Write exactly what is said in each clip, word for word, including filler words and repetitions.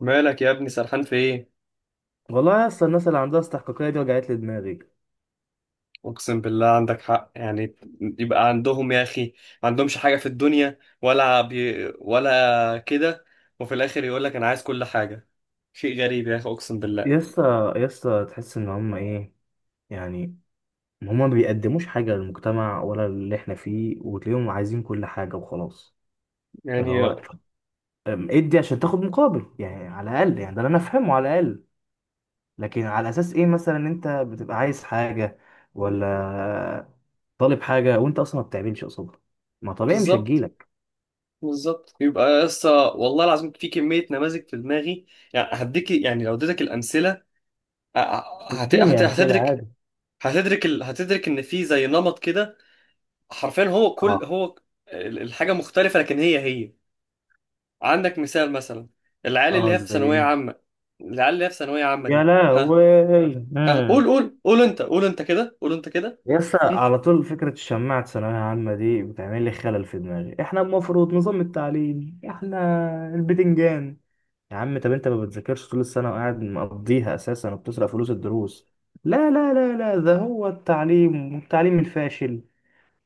مالك يا ابني؟ سرحان في ايه؟ والله يا اسطى، الناس اللي عندها استحقاقية دي وجعت لي دماغي. اقسم بالله، عندك حق يعني. يبقى عندهم يا اخي. ما عندهمش حاجه في الدنيا، ولا بي، ولا كده. وفي الاخر يقول لك انا عايز كل حاجه. شيء غريب يا اخي، اقسم بالله. يا اسطى يا اسطى تحس ان هم ايه؟ يعني هم ما بيقدموش حاجة للمجتمع ولا اللي احنا فيه، وتلاقيهم عايزين كل حاجة وخلاص. اللي يعني. هو أم، ادي عشان تاخد مقابل، يعني على الأقل، يعني ده اللي انا افهمه على الأقل. لكن على اساس ايه مثلا إن انت بتبقى عايز حاجة، ولا طالب حاجة وانت اصلا ما بتعملش قصادها؟ ما طبيعي مش بالظبط، هتجيلك. بالظبط. يبقى لسه والله العظيم في كميه نماذج في دماغي. يعني هديك، يعني لو اديتك الامثله. ه- هت... اديني هت... امثلة هتدرك عادي. هتدرك ال... هتدرك ان في زي نمط كده. حرفيا هو اه كل هو. ال- الحاجه مختلفه، لكن هي هي. عندك مثال مثلا. العيال اللي اه، هي في زي ثانوية ايه؟ عامة. العيال اللي هي في ثانوية عامة يا دي، ها. لهوي. ها قول قول قول انت، قول انت كده، قول انت كده. يس، على طول. فكرة الشماعة ثانوية عامة دي بتعمل لي خلل في دماغي، احنا المفروض نظام التعليم احنا البتنجان. يا عم، طب انت ما بتذاكرش طول السنة، وقاعد مقضيها اساسا، وبتسرق فلوس الدروس؟ لا لا لا لا، ده هو التعليم، والتعليم الفاشل.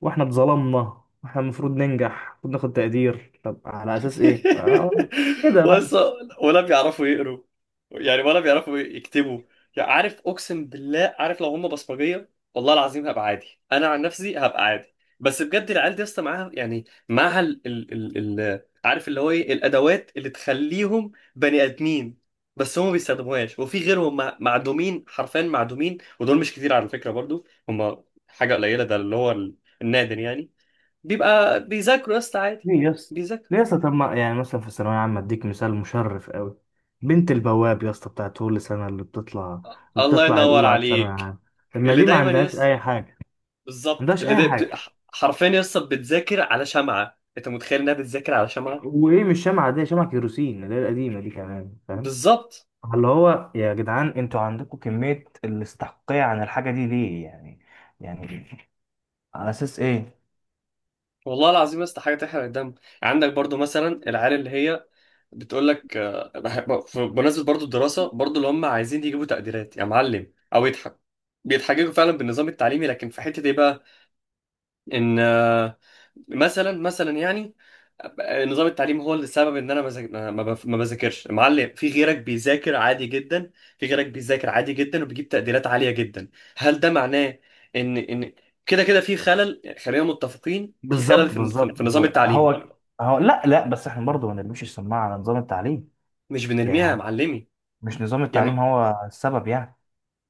واحنا اتظلمنا، واحنا المفروض ننجح وناخد تقدير. طب على اساس ايه؟ اه. كده بقى. ولسه ولا بيعرفوا يقروا يعني، ولا بيعرفوا يكتبوا يعني. عارف اقسم بالله، عارف لو هم بصمجيه والله العظيم هبقى عادي، انا عن نفسي هبقى عادي. بس بجد العيال دي اصلا معاها، يعني معاها ال ال ال ال عارف اللي هو ايه الادوات اللي تخليهم بني ادمين. بس هم ما بيستخدموهاش، وفي غيرهم مع- معدومين، حرفيا معدومين. ودول مش كتير على فكره، برضو هم حاجه قليله، ده اللي هو ال- النادر يعني. بيبقى بيذاكروا يا اسطى عادي. ليه يا اسطى؟ بيذاكروا. ليه يا اسطى؟ طب ما يعني مثلا في الثانوية عامة اديك مثال مشرف قوي: بنت البواب يا اسطى، بتاعت كل سنة اللي بتطلع، اللي الله بتطلع ينور الأولى على الثانوية عليك. العامة، لما اللي دي ما دايما عندهاش يس. أي حاجة، ما بالظبط. عندهاش اللي أي دا... ب- حاجة. حرفيا يس، بتذاكر على شمعة. انت متخيل انها بتذاكر على شمعة؟ وإيه، مش شمعة، دي شمعة كيروسين اللي هي القديمة دي كمان، فاهم؟ بالظبط. اللي هو يا جدعان، انتوا عندكم كمية الاستحقاقية عن الحاجة دي ليه؟ يعني يعني على أساس إيه؟ والله العظيم يس، حاجة تحرق الدم. عندك برضو مثلا العيال اللي هي بتقول لك، آه، بح- ف- بمناسبة برضو الدراسة، برضو اللي هم عايزين يجيبوا تقديرات يا معلم او يضحك، بيتحججوا فعلا بالنظام التعليمي. لكن في حتة ايه بقى؟ ان آه، مثلا مثلا، يعني نظام التعليم هو اللي السبب ان انا مذاك- ما بف- ما بذاكرش. معلم، في غيرك بيذاكر عادي جدا. في غيرك بيذاكر عادي جدا، وبيجيب تقديرات عالية جدا. هل ده معناه ان ان كده كده في خلل، يعني خلينا متفقين في خلل بالظبط في في بالظبط في النظام بالظبط. التعليمي. هو هو لا لا، بس احنا برضه ما نرميش السماعة على نظام التعليم. مش بنرميها يا يعني معلمي. مش نظام يا م... التعليم هو السبب يعني.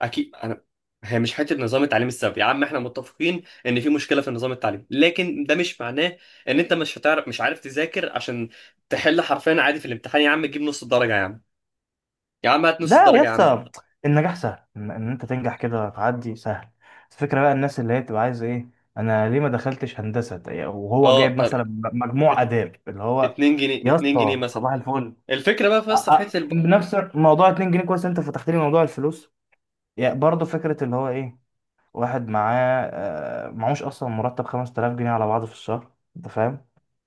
اكيد انا، هي مش حته نظام التعليم السبب يا عم، احنا متفقين ان في مشكله في النظام التعليمي. لكن ده مش معناه ان انت مش هتعرف، مش عارف تذاكر، عشان تحل حرفيا عادي في الامتحان. يا عم تجيب نص الدرجه يا عم. يا عم هات نص لا يا الدرجه يا عم. اسطى، النجاح سهل، ان إن انت تنجح كده تعدي سهل. الفكره بقى الناس اللي هي بتبقى عايزه ايه؟ انا ليه ما دخلتش هندسه ده- وهو اه جايب طب. مثلا مجموع ات- اداب اللي هو، اتنين جنيه، يا اتنين جنيه اسطى مثلا. صباح الفل، الفكرة بقى في، أ- بس في أ- حتة الب... بنفس موضوع اتنين جنيه؟ كويس، انت فتحت لي موضوع الفلوس. يعني برضه فكره اللي هو ايه: واحد معاه، آه، معهوش اصلا مرتب خمس تلاف جنيه على بعضه في الشهر، انت فاهم؟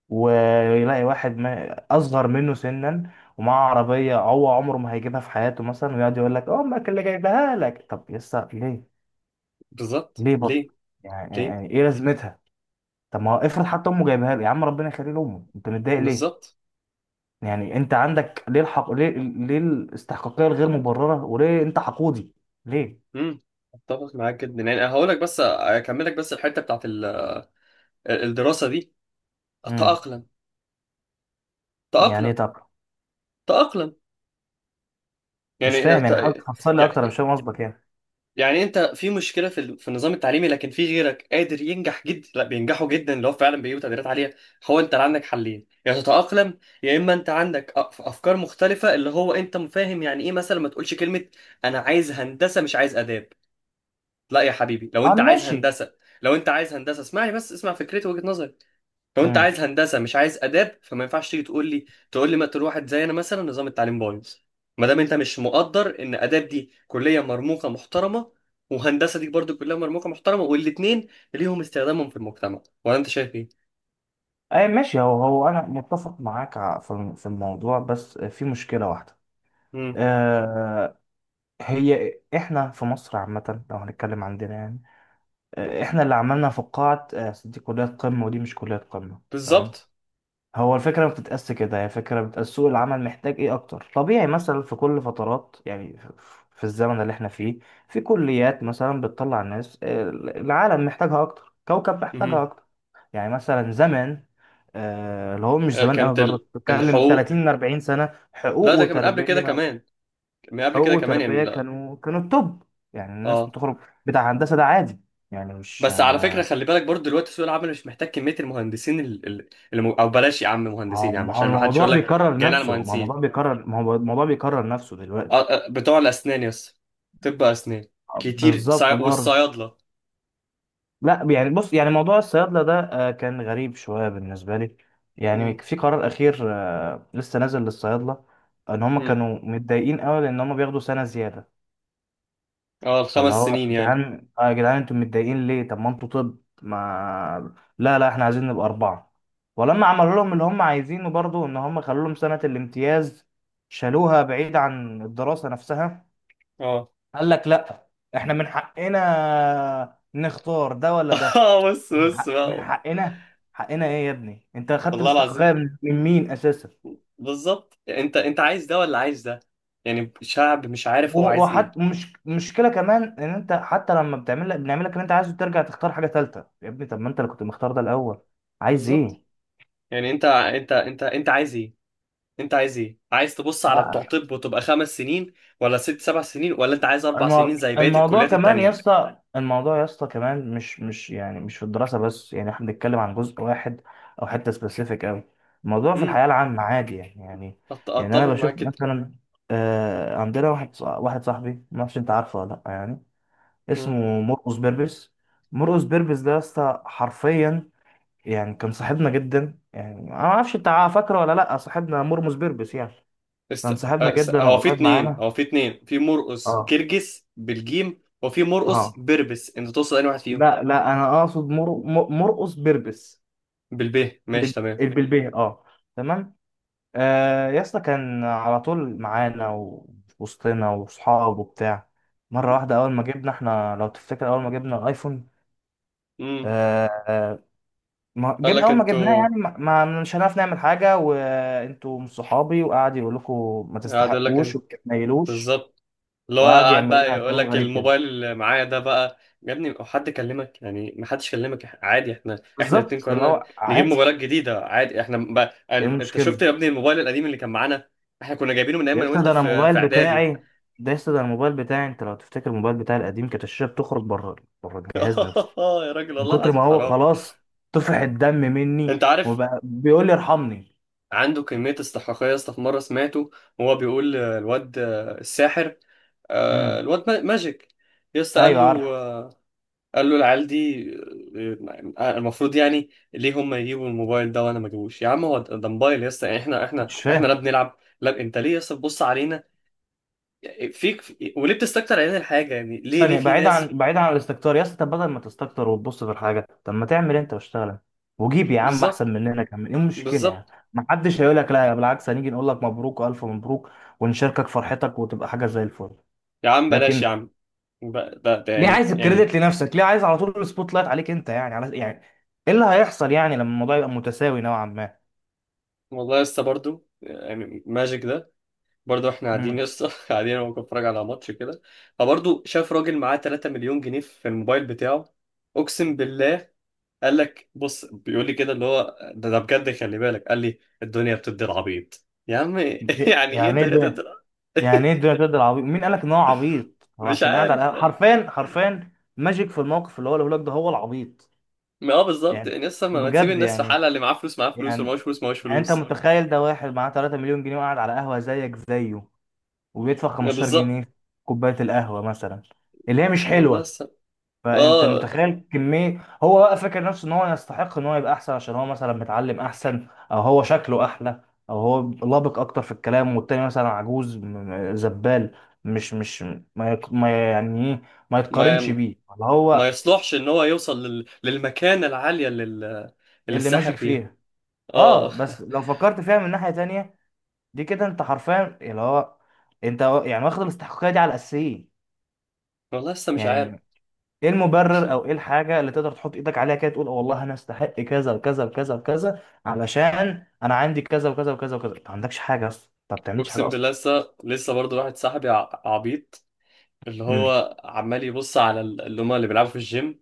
ويلاقي واحد ما اصغر منه سنا، ومعاه عربيه هو عمره ما هيجيبها في حياته مثلا، ويقعد يقول لك امك اللي جايبها لك. طب يسا ليه؟ بالظبط. ليه برضه؟ ليه؟ يعني ليه؟ يعني ايه لازمتها؟ طب ما هو افرض حتى امه جايبها له، يا عم ربنا يخليه لامه، انت متضايق ليه؟ بالظبط. يعني انت عندك ليه الحق؟ ليه؟ ليه الاستحقاقيه الغير مبرره، وليه انت حقودي؟ ليه؟ امم اتفق معاك جدا يعني، هقول لك بس، اكمل لك بس الحتة بتاعت ال- الدراسة دي. امم. تأقلم، يعني إيه تأقلم، طب؟ تأقلم. مش يعني فاهم، ت- يعني حاول تفصل لي اكتر، أنا مش يعني فاهم قصدك يعني. يعني انت في مشكله في ال- في النظام التعليمي، لكن في غيرك قادر ينجح جدا. لا، بينجحوا جدا لو فعلا بيجيبوا تقديرات عاليه. هو انت عندك حلين، يا تتاقلم، يا اما انت عندك أ- افكار مختلفه. اللي هو انت فاهم يعني ايه مثلا؟ ما تقولش كلمه انا عايز هندسه، مش عايز اداب. لا يا حبيبي، لو اه انت عايز ماشي. هندسه، لو انت عايز هندسه اسمعني بس، اسمع فكرتي وجهه نظري. لو انت عايز هندسه مش عايز اداب، فما ينفعش تيجي تقول لي، تقول لي مثلا واحد زي انا، مثلا نظام التعليم بايظ. ما دام انت مش مقدر ان اداب دي كليه مرموقه محترمه، وهندسه دي برضو كليه مرموقه محترمه، والاثنين ليهم استخدامهم في المجتمع، ولا انت شايف ايه؟ اي ماشي، هو هو انا متفق معاك ع- في الم- في الموضوع، بس في مشكله واحده. امم آه. هي احنا في مصر عامه لو هنتكلم عندنا يعني، آه، احنا اللي عملنا فقاعه، آه، دي كليات قمه ودي مش كليات قمه، تمام. بالظبط. هو الفكرة ما بتتقاس كده، هي فكرة بتقاس سوق العمل محتاج ايه اكتر. طبيعي مثلا في كل فترات، يعني في في الزمن اللي احنا فيه، في كليات مثلا بتطلع ناس ال- العالم محتاجها اكتر، كوكب امم محتاجها اكتر. يعني مثلا زمان، آه، اللي هو مش آه، زمان قوي كانت برضه، ال- بتتكلم الحقوق، تلاتين أربعين سنة. حقوق لا ده كان من قبل كده وتربية، كمان، من قبل حقوق كده كمان يعني. وتربية لا، كانوا كانوا التوب. يعني الناس اه بتخرج بتاع هندسة ده عادي، يعني مش بس على ما... فكره خلي بالك برضو دلوقتي سوق العمل مش محتاج كميه المهندسين، ال- ال- اللي م- او بلاش يا عم مهندسين هو يا عم، ما هو عشان ما حدش الموضوع يقول لك. بيكرر جايين على نفسه، ما هو المهندسين. الموضوع بيكرر، ما هو الموضوع بيكرر نفسه دلوقتي. آه، آه، بتوع الأسنان يس. طب أسنان كتير، بالظبط سع... برضه. والصيادلة. لا، يعني بص، يعني موضوع الصيادلة ده آه، كان غريب شوية بالنسبة لي. يعني مم. في قرار أخير آه، لسه نازل للصيادلة، إن هم مم. كانوا متضايقين قوي لأن هم بياخدوا سنة زيادة. اه فاللي الخمس هو يا سنين يعني. جدعان، آه يا جدعان، أنتوا متضايقين ليه؟ طب ما أنتوا، طب ما، لا لا، إحنا عايزين نبقى أربعة. ولما عملوا لهم اللي هم عايزينه برضه، إن هم خلوا لهم سنة الامتياز، شالوها بعيد عن الدراسة نفسها. اه. قال لك لا، إحنا من حقنا نختار ده ولا ده. اه بص من بص حق من بقى. حقنا، حقنا ايه يا ابني؟ انت اخدت والله الاستحقاقيه العظيم. من من مين اساسا؟ بالظبط. انت انت عايز ده ولا عايز ده؟ يعني شعب مش عارف هو عايز ايه. وحتى مش مشكله كمان ان انت، حتى لما بتعمل لك، بنعمل لك اللي انت عايزه، ترجع تختار حاجه ثالثه. يا ابني، طب ما انت اللي كنت مختار ده الاول. عايز بالظبط. ايه؟ يعني انت انت انت انت عايز ايه؟ انت عايز ايه؟ عايز تبص على بتوع آه، طب وتبقى خمس سنين، ولا ست سبع سنين، ولا انت عايز اربع المو- سنين زي بقية الموضوع الكليات كمان يا التانية؟ اسطى، الموضوع يا اسطى كمان، مش مش يعني مش في الدراسه بس، يعني احنا بنتكلم عن جزء واحد او حته سبيسيفيك قوي. الموضوع في امم الحياه العامه عادي يعني، يعني يعني اتفق انا معاك بشوف كده. مثلا، آه، عندنا واحد ص- واحد صاحبي، ما اعرفش انت عارفه ولا لا يعني، اسمه مرقس بيربس. مرقس بيربس ده يا اسطى حرفيا، يعني كان صاحبنا جدا، يعني انا ما اعرفش انت فاكره ولا لا، صاحبنا مرمس بيربس يعني. است... كان صاحبنا است... جدا هو في وقريب اتنين معانا. هو في اتنين، في مرقص اه. جرجس بالجيم، وفي مرقص اه. بربس. انت توصل انهي واحد فيهم؟ لا لا، انا اقصد مر... مر- مرقس بيربس. بالب ماشي الب- تمام. البلبيه، اه. تمام. آه يا اسطى، كان على طول معانا وفي وسطنا واصحابه وبتاع. مره واحده، اول ما جبنا احنا، لو تفتكر اول ما جبنا الايفون، امم. آه، آه، ما قال جبنا، لك اول ما جبناه، انتوا، يعني ما ما- مش هنعرف نعمل حاجه، وانتوا مش صحابي، وقعد يقول لكم ما قاعد يقول لك تستحقوش انت وما تتنيلوش، بالظبط. اللي هو وقعد قاعد يعمل بقى لنا يقول كلام لك غريب كده. الموبايل اللي معايا ده بقى يا ابني، هو حد كلمك يعني؟ ما حدش كلمك، عادي. احنا احنا الاتنين بالظبط، اللي قررنا هو نجيب عادي. موبايلات جديدة، عادي. احنا بقى، ايه انت شفت المشكله؟ يا ابني الموبايل القديم اللي كان معانا؟ احنا كنا جايبينه من ايام يا ما انا اسطى وانت ده انا في الموبايل في اعدادي. بتاعي، ده يا اسطى ده الموبايل بتاعي، انت لو تفتكر الموبايل بتاعي القديم كانت الشاشه بتخرج بره، بره الجهاز نفسه، يا راجل من والله كتر ما العظيم هو حرام. خلاص، طفح الدم مني، انت عارف وبقى بيقول لي ارحمني. عنده كمية استحقاقية يا اسطى؟ في مرة سمعته وهو بيقول الواد الساحر، آه، امم. الواد ما- ماجيك. يا اسطى قال ايوه له، عارف. آه، قال له العيال دي، آه، آه، المفروض يعني ليه هم يجيبوا الموبايل ده وانا ما اجيبوش؟ يا عم هو ده ده موبايل يا اسطى. يعني احنا احنا مش احنا لا فاهم. بنلعب، لا انت ليه يا اسطى تبص علينا، فيك في- وليه بتستكتر علينا الحاجة؟ يعني ليه، ليه ثانية، في بعيد ناس؟ عن بعيد عن الاستكتار يا اسطى، طب بدل ما تستكتر وتبص في الحاجة، طب ما تعمل انت واشتغل انت، وجيب يا عم بالظبط، احسن مننا كمان، ايه المشكلة يعني؟ بالظبط. ما حدش هيقول لك لا، يا بالعكس، هنيجي نقول لك مبروك والف مبروك، ونشاركك فرحتك، وتبقى حاجة زي الفل. يا عم بلاش يا لكن عم. ب- ده ده ليه يعني عايز يعني الكريدت لنفسك؟ ليه عايز على طول السبوت لايت عليك انت؟ يعني على، يعني ايه اللي هيحصل يعني لما الموضوع يبقى متساوي نوعا ما؟ والله يا اسطى برضه يعني ماجيك ده، برضه احنا قاعدين يا امم. اسطى، قاعدين انا بتفرج على ماتش كده. فبرضه شاف راجل معاه ثلاثة ملايين جنيه مليون جنيه في الموبايل بتاعه. اقسم بالله قال لك، بص بيقول لي كده اللي هو ده ده بجد، خلي بالك. قال لي، الدنيا بتدي العبيط يا عم. يعني ايه يعني ايه الدنيا بتدي ده؟ العبيط؟ يعني ايه الدنيا تقدر عبيط؟ مين قالك ان هو عبيط؟ هو مش عشان قاعد عارف على القهوة- يعني. حرفيا، حرفيا ماجيك في الموقف اللي هو اللي لك، ده هو العبيط. ما اه بالظبط يعني يعني، لسه ما ما تسيب بجد الناس في يعني. حالها. اللي معاه فلوس معاه فلوس، واللي معاهوش يعني فلوس معاهوش يعني انت فلوس. متخيل ده واحد معاه ثلاثة مليون جنيه، وقاعد على قهوة زيك زيه، وبيدفع ما خمسة عشر جنيه بالظبط. في كوباية القهوة مثلا اللي هي مش والله حلوة. لسه. فانت اه متخيل كمية هو بقى فاكر نفسه ان هو يستحق ان هو يبقى احسن؟ عشان هو مثلا متعلم احسن، او هو شكله احلى، او هو لابق اكتر في الكلام، والتاني مثلا عجوز، م- م- زبال، مش مش ما يق- ما يعني ايه، ما يتقارنش ما بيه، اللي ما هو يصلحش ان هو يوصل لل... للمكانة العالية اللي ال- اللي اللي ماجيك الساحر فيها. فيها. اه اه. بس لو فكرت فيها من ناحية تانية، دي كده انت حرفيا اللي هو، انت يعني واخد الاستحقاقيه دي على الاساسيين. والله لسه مش عارف. يعني ايه المبرر؟ او ايه الحاجه اللي تقدر تحط ايدك عليها كده تقول والله انا استحق كذا وكذا وكذا وكذا، علشان انا عندي كذا وكذا وكذا وكذا؟ انت ما عندكش حاجه اصلا، انت ما بتعملش حاجه اقسم اصلا. بالله لسه، لسه برضه واحد صاحبي ع- عبيط. اللي امم. هو عمال يبص على ال- اللي هما اللي بيلعبوا في الجيم.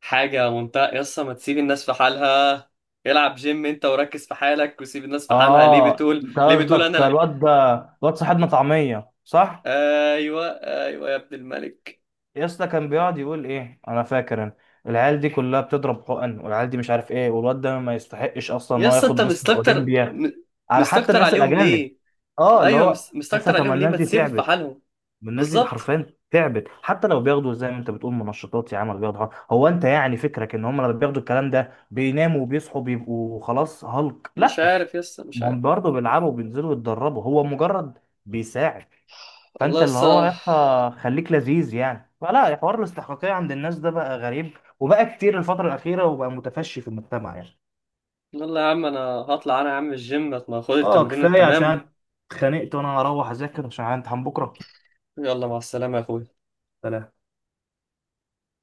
حاجة منتهى يسا، ما تسيب الناس في حالها. العب جيم انت، وركز في حالك، وسيب الناس في حالها. ليه اه بتقول، انت ليه بتقول انا قصدك لا. الواد ده، الواد صاحبنا طعميه، صح؟ ايوه، ايوه يا ابن الملك. يا اسطى كان بيقعد يقول ايه، انا فاكر، انا العيال دي كلها بتضرب حقن، والعيال دي مش عارف ايه، والواد ده ما يستحقش اصلا ان هو يسا ياخد انت مستر مستكتر اولمبيا م- على حتى مستكتر الناس عليهم الاجانب. ليه؟ اه، اللي ايوه هو، مس- لسه، مستكتر طب ما عليهم ليه؟ الناس ما دي تسيبهم في تعبت، حالهم. ما الناس دي بالظبط، حرفيا تعبت، حتى لو بياخدوا زي ما انت بتقول منشطات يا عم، ولا بياخدوا حاجة. هو انت يعني فكرك ان هم لما بياخدوا الكلام ده بيناموا وبيصحوا بيبقوا خلاص هالك؟ مش لا، عارف يسا، مش ما هم عارف. برضه بيلعبوا وبينزلوا يتدربوا، هو مجرد بيساعد. والله فانت اللي هو يا يسا. اسطى خليك لذيذ يعني، فلا، حوار الاستحقاقية عند الناس ده بقى غريب، وبقى كتير الفترة الأخيرة، وبقى متفشي في المجتمع يعني. يلا يا عم انا هطلع، انا يا عم الجيم ما اخد اه التمرين كفاية، التمام. عشان اتخانقت، وانا هروح اذاكر عشان عندي امتحان بكرة. يلا مع السلامة يا اخوي. سلام.